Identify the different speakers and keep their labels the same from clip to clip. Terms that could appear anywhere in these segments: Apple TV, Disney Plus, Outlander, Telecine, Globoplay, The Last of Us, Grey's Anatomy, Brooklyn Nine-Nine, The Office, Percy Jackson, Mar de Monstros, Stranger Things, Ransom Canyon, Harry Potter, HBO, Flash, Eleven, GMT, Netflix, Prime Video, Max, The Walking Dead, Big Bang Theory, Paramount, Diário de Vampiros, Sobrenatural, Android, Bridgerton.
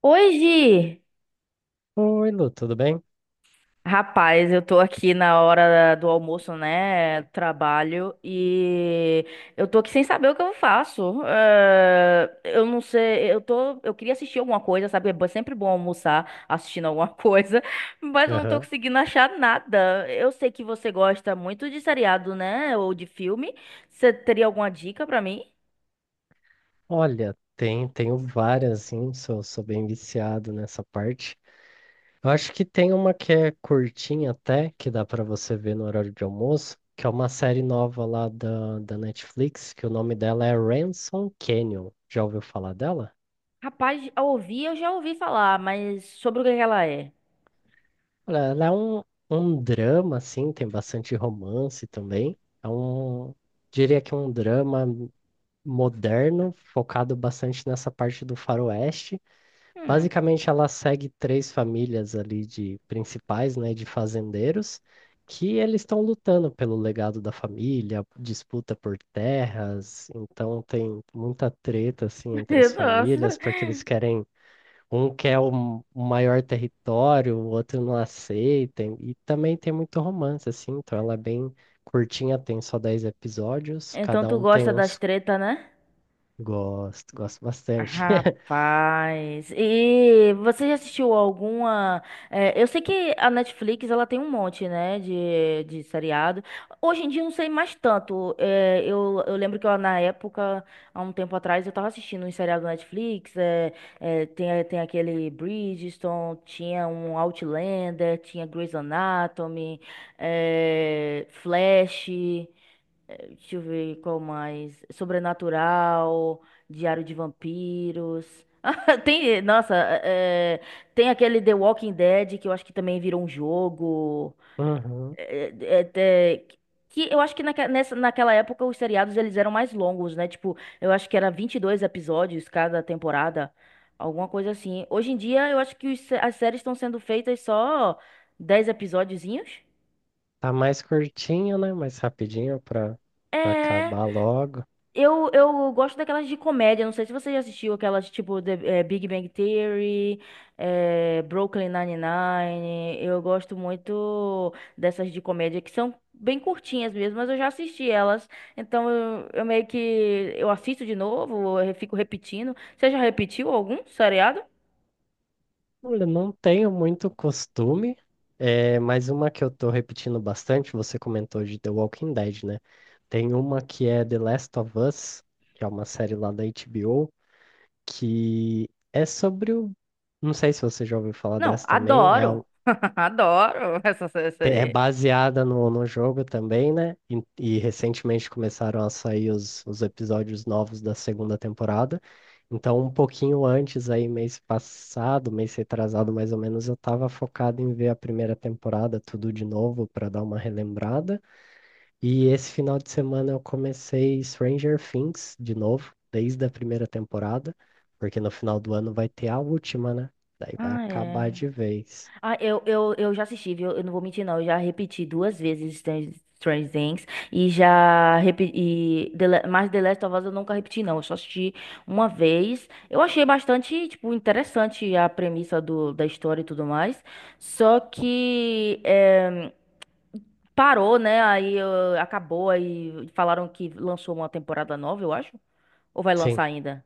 Speaker 1: Hoje,
Speaker 2: Oi, Lu, tudo bem?
Speaker 1: rapaz, eu tô aqui na hora do almoço, né? Trabalho e eu tô aqui sem saber o que eu faço. Eu não sei, eu queria assistir alguma coisa, sabe? Sempre bom almoçar assistindo alguma coisa, mas eu não tô
Speaker 2: Aham.
Speaker 1: conseguindo achar nada. Eu sei que você gosta muito de seriado, né? Ou de filme. Você teria alguma dica pra mim?
Speaker 2: Olha, tem, tenho várias, assim, sou bem viciado nessa parte. Eu acho que tem uma que é curtinha até, que dá pra você ver no horário de almoço, que é uma série nova lá da Netflix, que o nome dela é Ransom Canyon. Já ouviu falar dela?
Speaker 1: Rapaz, eu já ouvi falar, mas sobre o que que ela é?
Speaker 2: Olha, ela é um, um drama, assim, tem bastante romance também. É um, diria que é um drama moderno, focado bastante nessa parte do faroeste.
Speaker 1: Hum.
Speaker 2: Basicamente, ela segue três famílias ali de principais, né, de fazendeiros, que eles estão lutando pelo legado da família, disputa por terras, então tem muita treta assim entre as
Speaker 1: Nossa.
Speaker 2: famílias, porque eles querem, um quer o maior território, o outro não aceita, e também tem muito romance assim, então ela é bem curtinha, tem só 10 episódios,
Speaker 1: Então
Speaker 2: cada
Speaker 1: tu
Speaker 2: um tem
Speaker 1: gosta das
Speaker 2: uns...
Speaker 1: tretas, né?
Speaker 2: Gosto, gosto bastante.
Speaker 1: Rapaz. E você já assistiu alguma? Eu sei que a Netflix ela tem um monte, né, de seriado. Hoje em dia eu não sei mais tanto. Eu lembro que eu, na época, há um tempo atrás, eu tava assistindo um seriado da Netflix. Tem aquele Bridgerton, tinha um Outlander, tinha Grey's Anatomy, Flash. Deixa eu ver qual mais. Sobrenatural, Diário de Vampiros. É, tem aquele The Walking Dead que eu acho que também virou um jogo.
Speaker 2: Uhum.
Speaker 1: É, é, é, é, que eu acho que naquela época os seriados eles eram mais longos, né? Tipo, eu acho que era 22 episódios cada temporada, alguma coisa assim. Hoje em dia eu acho que os se- as séries estão sendo feitas só 10 episódiozinhos.
Speaker 2: Tá mais curtinho, né? Mais rapidinho pra, pra
Speaker 1: É.
Speaker 2: acabar logo.
Speaker 1: Eu gosto daquelas de comédia. Não sei se você já assistiu aquelas tipo Big Bang Theory, Brooklyn Nine-Nine. Eu gosto muito dessas de comédia que são bem curtinhas mesmo, mas eu já assisti elas. Então eu meio que eu assisto de novo, eu fico repetindo. Você já repetiu algum seriado?
Speaker 2: Olha, não tenho muito costume, é, mas uma que eu tô repetindo bastante, você comentou de The Walking Dead, né? Tem uma que é The Last of Us, que é uma série lá da HBO, que é sobre o. Não sei se você já ouviu falar
Speaker 1: Não,
Speaker 2: dessa também. É,
Speaker 1: adoro. Adoro essa
Speaker 2: é
Speaker 1: série.
Speaker 2: baseada no, no jogo também, né? E recentemente começaram a sair os episódios novos da segunda temporada. Então, um pouquinho antes, aí, mês passado, mês retrasado mais ou menos, eu estava focado em ver a primeira temporada, tudo de novo, para dar uma relembrada. E esse final de semana eu comecei Stranger Things de novo, desde a primeira temporada, porque no final do ano vai ter a última, né? Daí vai
Speaker 1: Ah, é.
Speaker 2: acabar de vez.
Speaker 1: Eu já assisti, viu? Eu não vou mentir, não. Eu já repeti duas vezes Strange Things e já repeti. Mas The Last of Us eu nunca repeti, não. Eu só assisti uma vez. Eu achei bastante, tipo, interessante a premissa da história e tudo mais. Só que parou, né? Acabou, aí falaram que lançou uma temporada nova, eu acho. Ou vai
Speaker 2: Sim.
Speaker 1: lançar ainda?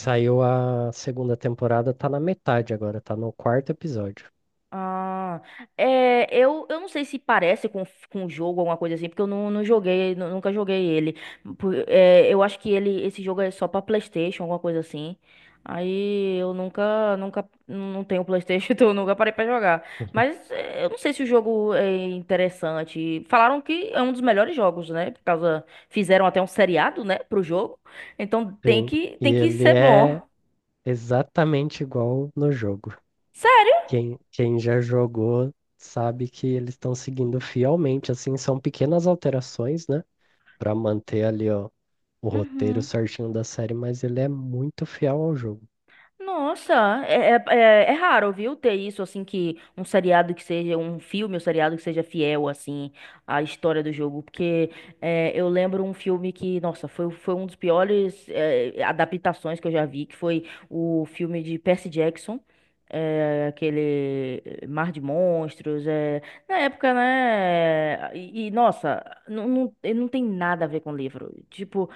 Speaker 2: Saiu a segunda temporada, tá na metade agora, tá no quarto episódio.
Speaker 1: Ah, É, eu não sei se parece com, um jogo, alguma coisa assim, porque eu não, não joguei, nunca joguei ele. Eu acho que ele, esse jogo é só pra PlayStation, alguma coisa assim. Aí eu nunca, nunca, não tenho PlayStation, então eu nunca parei pra jogar. Mas é, eu não sei se o jogo é interessante. Falaram que é um dos melhores jogos, né? Por causa, fizeram até um seriado, né, pro jogo. Então
Speaker 2: Sim. E
Speaker 1: tem que
Speaker 2: ele
Speaker 1: ser
Speaker 2: é
Speaker 1: bom.
Speaker 2: exatamente igual no jogo.
Speaker 1: Sério?
Speaker 2: Quem, quem já jogou sabe que eles estão seguindo fielmente, assim, são pequenas alterações, né? Pra manter ali, ó, o roteiro
Speaker 1: Uhum.
Speaker 2: certinho da série, mas ele é muito fiel ao jogo.
Speaker 1: Nossa, é, é, é- É raro, viu, ter isso, assim, que um seriado que seja, um filme ou seriado que seja fiel, assim, à história do jogo, porque eu lembro um filme que, nossa, foi um dos piores adaptações que eu já vi, que foi o filme de Percy Jackson, aquele Mar de Monstros, na época, né, e, nossa, não tem nada a ver com o livro, tipo.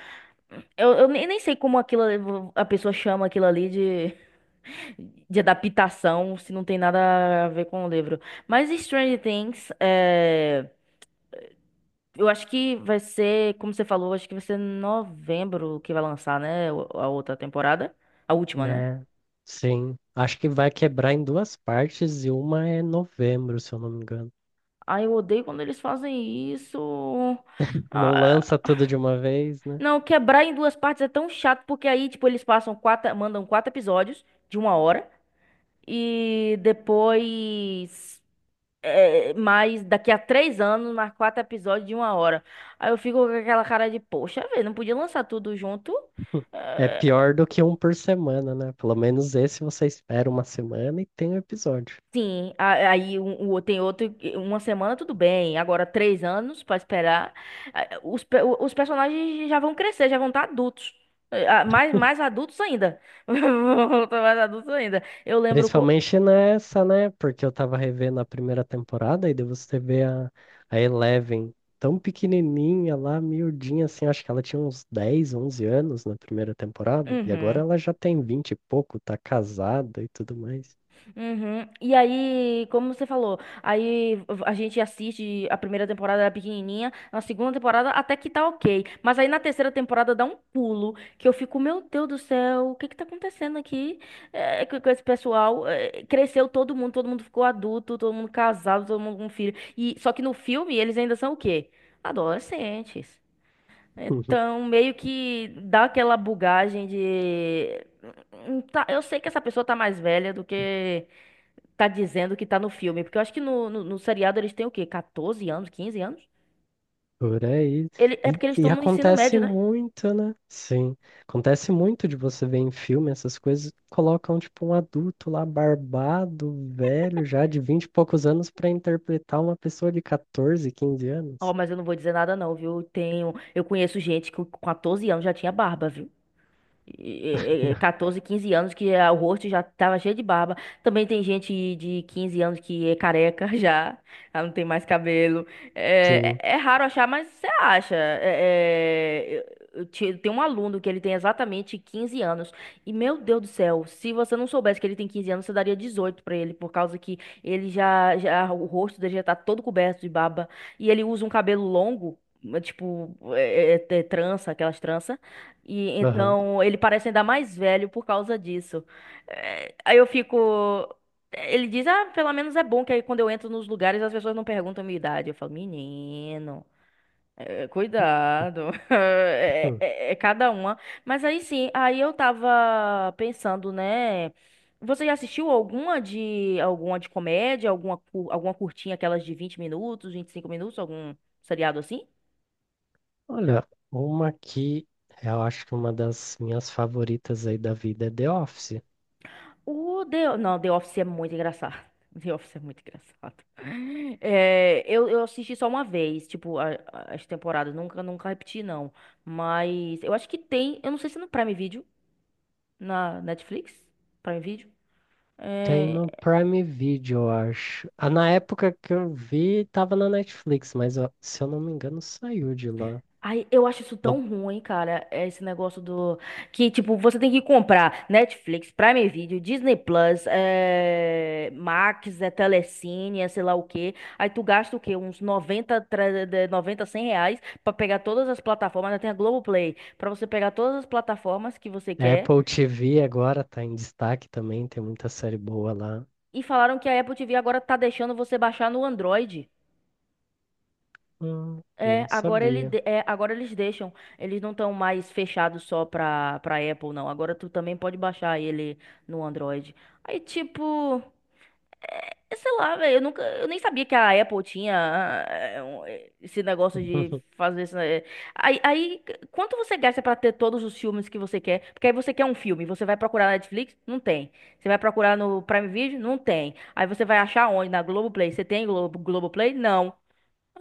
Speaker 1: Eu nem sei como aquilo, a pessoa chama aquilo ali de adaptação, se não tem nada a ver com o livro. Mas Stranger Things, eu acho que vai ser, como você falou, acho que vai ser novembro que vai lançar, né? A outra temporada. A última, né?
Speaker 2: Né, sim. Acho que vai quebrar em duas partes e uma é novembro, se eu não me engano.
Speaker 1: Ai, eu odeio quando eles fazem isso.
Speaker 2: Não lança
Speaker 1: Ah,
Speaker 2: tudo de uma vez, né?
Speaker 1: não, quebrar em duas partes é tão chato, porque aí, tipo, mandam quatro episódios de uma hora. E depois. Mas daqui a três anos, mais quatro episódios de uma hora. Aí eu fico com aquela cara de, poxa, velho, não podia lançar tudo junto?
Speaker 2: É
Speaker 1: É,
Speaker 2: pior do que um por semana, né? Pelo menos esse você espera uma semana e tem o episódio.
Speaker 1: Tem outro, uma semana tudo bem, agora três anos pra esperar. Os personagens já vão crescer, já vão estar adultos. Mais, mais adultos ainda. Vão tá mais adultos ainda. Eu lembro.
Speaker 2: Principalmente nessa, né? Porque eu tava revendo a primeira temporada e daí você vê a Eleven tão pequenininha lá, miudinha assim. Acho que ela tinha uns 10, 11 anos na primeira temporada e agora
Speaker 1: Uhum.
Speaker 2: ela já tem 20 e pouco, tá casada e tudo mais.
Speaker 1: Uhum. E aí, como você falou, aí a gente assiste a primeira temporada era pequenininha, na segunda temporada até que tá ok, mas aí na terceira temporada dá um pulo que eu fico, meu Deus do céu, o que que tá acontecendo aqui com esse pessoal? Cresceu todo mundo ficou adulto, todo mundo casado, todo mundo com filho. E só que no filme eles ainda são o quê? Adolescentes. Então, meio que dá aquela bugagem de. Tá, eu sei que essa pessoa tá mais velha do que tá dizendo que tá no filme. Porque eu acho que no seriado eles têm o quê? 14 anos, 15 anos?
Speaker 2: Por aí.
Speaker 1: É porque eles
Speaker 2: E
Speaker 1: estão no ensino
Speaker 2: acontece
Speaker 1: médio, né?
Speaker 2: muito, né? Sim. Acontece muito de você ver em filme essas coisas, colocam tipo um adulto lá barbado, velho, já de 20 e poucos anos, para interpretar uma pessoa de 14, 15
Speaker 1: Ó,
Speaker 2: anos.
Speaker 1: mas eu não vou dizer nada não, viu? Eu conheço gente que com 14 anos já tinha barba, viu? 14, 15 anos que ah, o rosto já tava cheio de barba. Também tem gente de 15 anos que é careca já, ela não tem mais cabelo.
Speaker 2: Sim.
Speaker 1: É raro achar, mas você acha. Tem um aluno que ele tem exatamente 15 anos. E, meu Deus do céu, se você não soubesse que ele tem 15 anos, você daria 18 pra ele, por causa que ele já, já, o rosto dele já tá todo coberto de barba. E ele usa um cabelo longo, tipo, trança, aquelas tranças. E
Speaker 2: Aham.
Speaker 1: então ele parece ainda mais velho por causa disso. Aí eu fico. Ele diz: Ah, pelo menos é bom que aí quando eu entro nos lugares as pessoas não perguntam minha idade. Eu falo: Menino, cuidado.
Speaker 2: Hum.
Speaker 1: É cada uma. Mas aí sim, aí eu tava pensando, né? Você já assistiu alguma de comédia, alguma, alguma curtinha, aquelas de 20 minutos, 25 minutos, algum seriado assim?
Speaker 2: Olha, uma que eu acho que uma das minhas favoritas aí da vida é The Office.
Speaker 1: O The. Não, The Office é muito engraçado. The Office é muito engraçado. Eu assisti só uma vez, tipo, as temporadas. Nunca repeti, não. Mas eu acho que tem. Eu não sei se é no Prime Video, na Netflix. Prime Video.
Speaker 2: Tem
Speaker 1: é,
Speaker 2: no Prime Video, eu acho. Ah, na época que eu vi, tava na Netflix, mas ó, se eu não me engano, saiu de lá.
Speaker 1: Ai, eu acho isso
Speaker 2: No
Speaker 1: tão ruim, cara. Esse negócio do. Que, tipo, você tem que comprar Netflix, Prime Video, Disney Plus, é. Max, é Telecine, é sei lá o quê. Aí tu gasta o quê? Uns 90 100 reais pra pegar todas as plataformas. Ainda tem a Globoplay. Pra você pegar todas as plataformas que você quer.
Speaker 2: Apple TV agora tá em destaque também, tem muita série boa lá.
Speaker 1: E falaram que a Apple TV agora tá deixando você baixar no Android.
Speaker 2: Não sabia.
Speaker 1: É, agora eles deixam. Eles não estão mais fechados só pra Apple, não. Agora tu também pode baixar ele no Android. Aí, tipo, eu sei lá, velho, eu nem sabia que a Apple tinha esse negócio de fazer isso. Aí, quanto você gasta pra ter todos os filmes que você quer? Porque aí você quer um filme, você vai procurar na Netflix? Não tem. Você vai procurar no Prime Video? Não tem. Aí você vai achar onde? Na Globoplay? Você tem Globo, Globoplay? Não.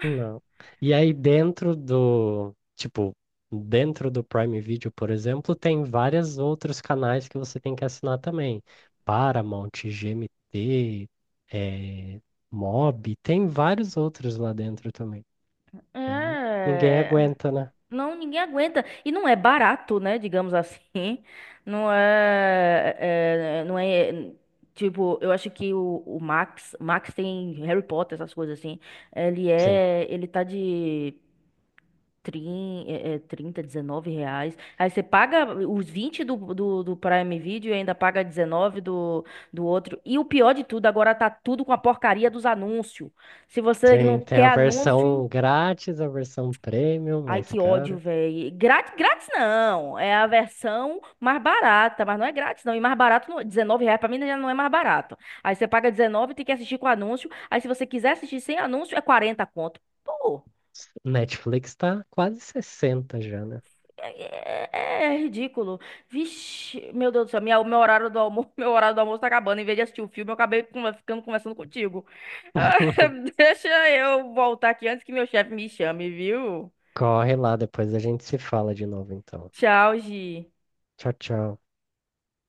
Speaker 2: Não. E aí dentro do, tipo, dentro do Prime Video, por exemplo, tem vários outros canais que você tem que assinar também. Paramount, GMT, eh, Mob, tem vários outros lá dentro também. Daí não- ninguém
Speaker 1: É.
Speaker 2: aguenta, né?
Speaker 1: Não, ninguém aguenta. E não é barato, né? Digamos assim. Não é tipo, eu acho que o Max, Max tem Harry Potter, essas coisas assim.
Speaker 2: Sim.
Speaker 1: Ele tá de 30, R$19. Aí você paga os 20 do Prime Video e ainda paga 19 do outro. E o pior de tudo, agora tá tudo com a porcaria dos anúncios. Se você não
Speaker 2: Tem, tem
Speaker 1: quer
Speaker 2: a
Speaker 1: anúncio.
Speaker 2: versão grátis, a versão premium,
Speaker 1: Ai,
Speaker 2: mais
Speaker 1: que ódio,
Speaker 2: cara.
Speaker 1: velho. Grátis não. É a versão mais barata, mas não é grátis, não. E mais barato, não. R$19,00 pra mim já não é mais barato. Aí você paga R$19,00 e tem que assistir com anúncio. Aí se você quiser assistir sem anúncio, é 40 conto. Pô,
Speaker 2: Netflix tá quase 60 já, né?
Speaker 1: é ridículo. Vixe, meu Deus do céu, meu horário do almoço, meu horário do almoço tá acabando. Em vez de assistir o filme, eu acabei ficando conversando contigo. Deixa eu voltar aqui antes que meu chefe me chame, viu?
Speaker 2: Corre lá, depois a gente se fala de novo, então.
Speaker 1: Tchau, Gi.
Speaker 2: Tchau, tchau.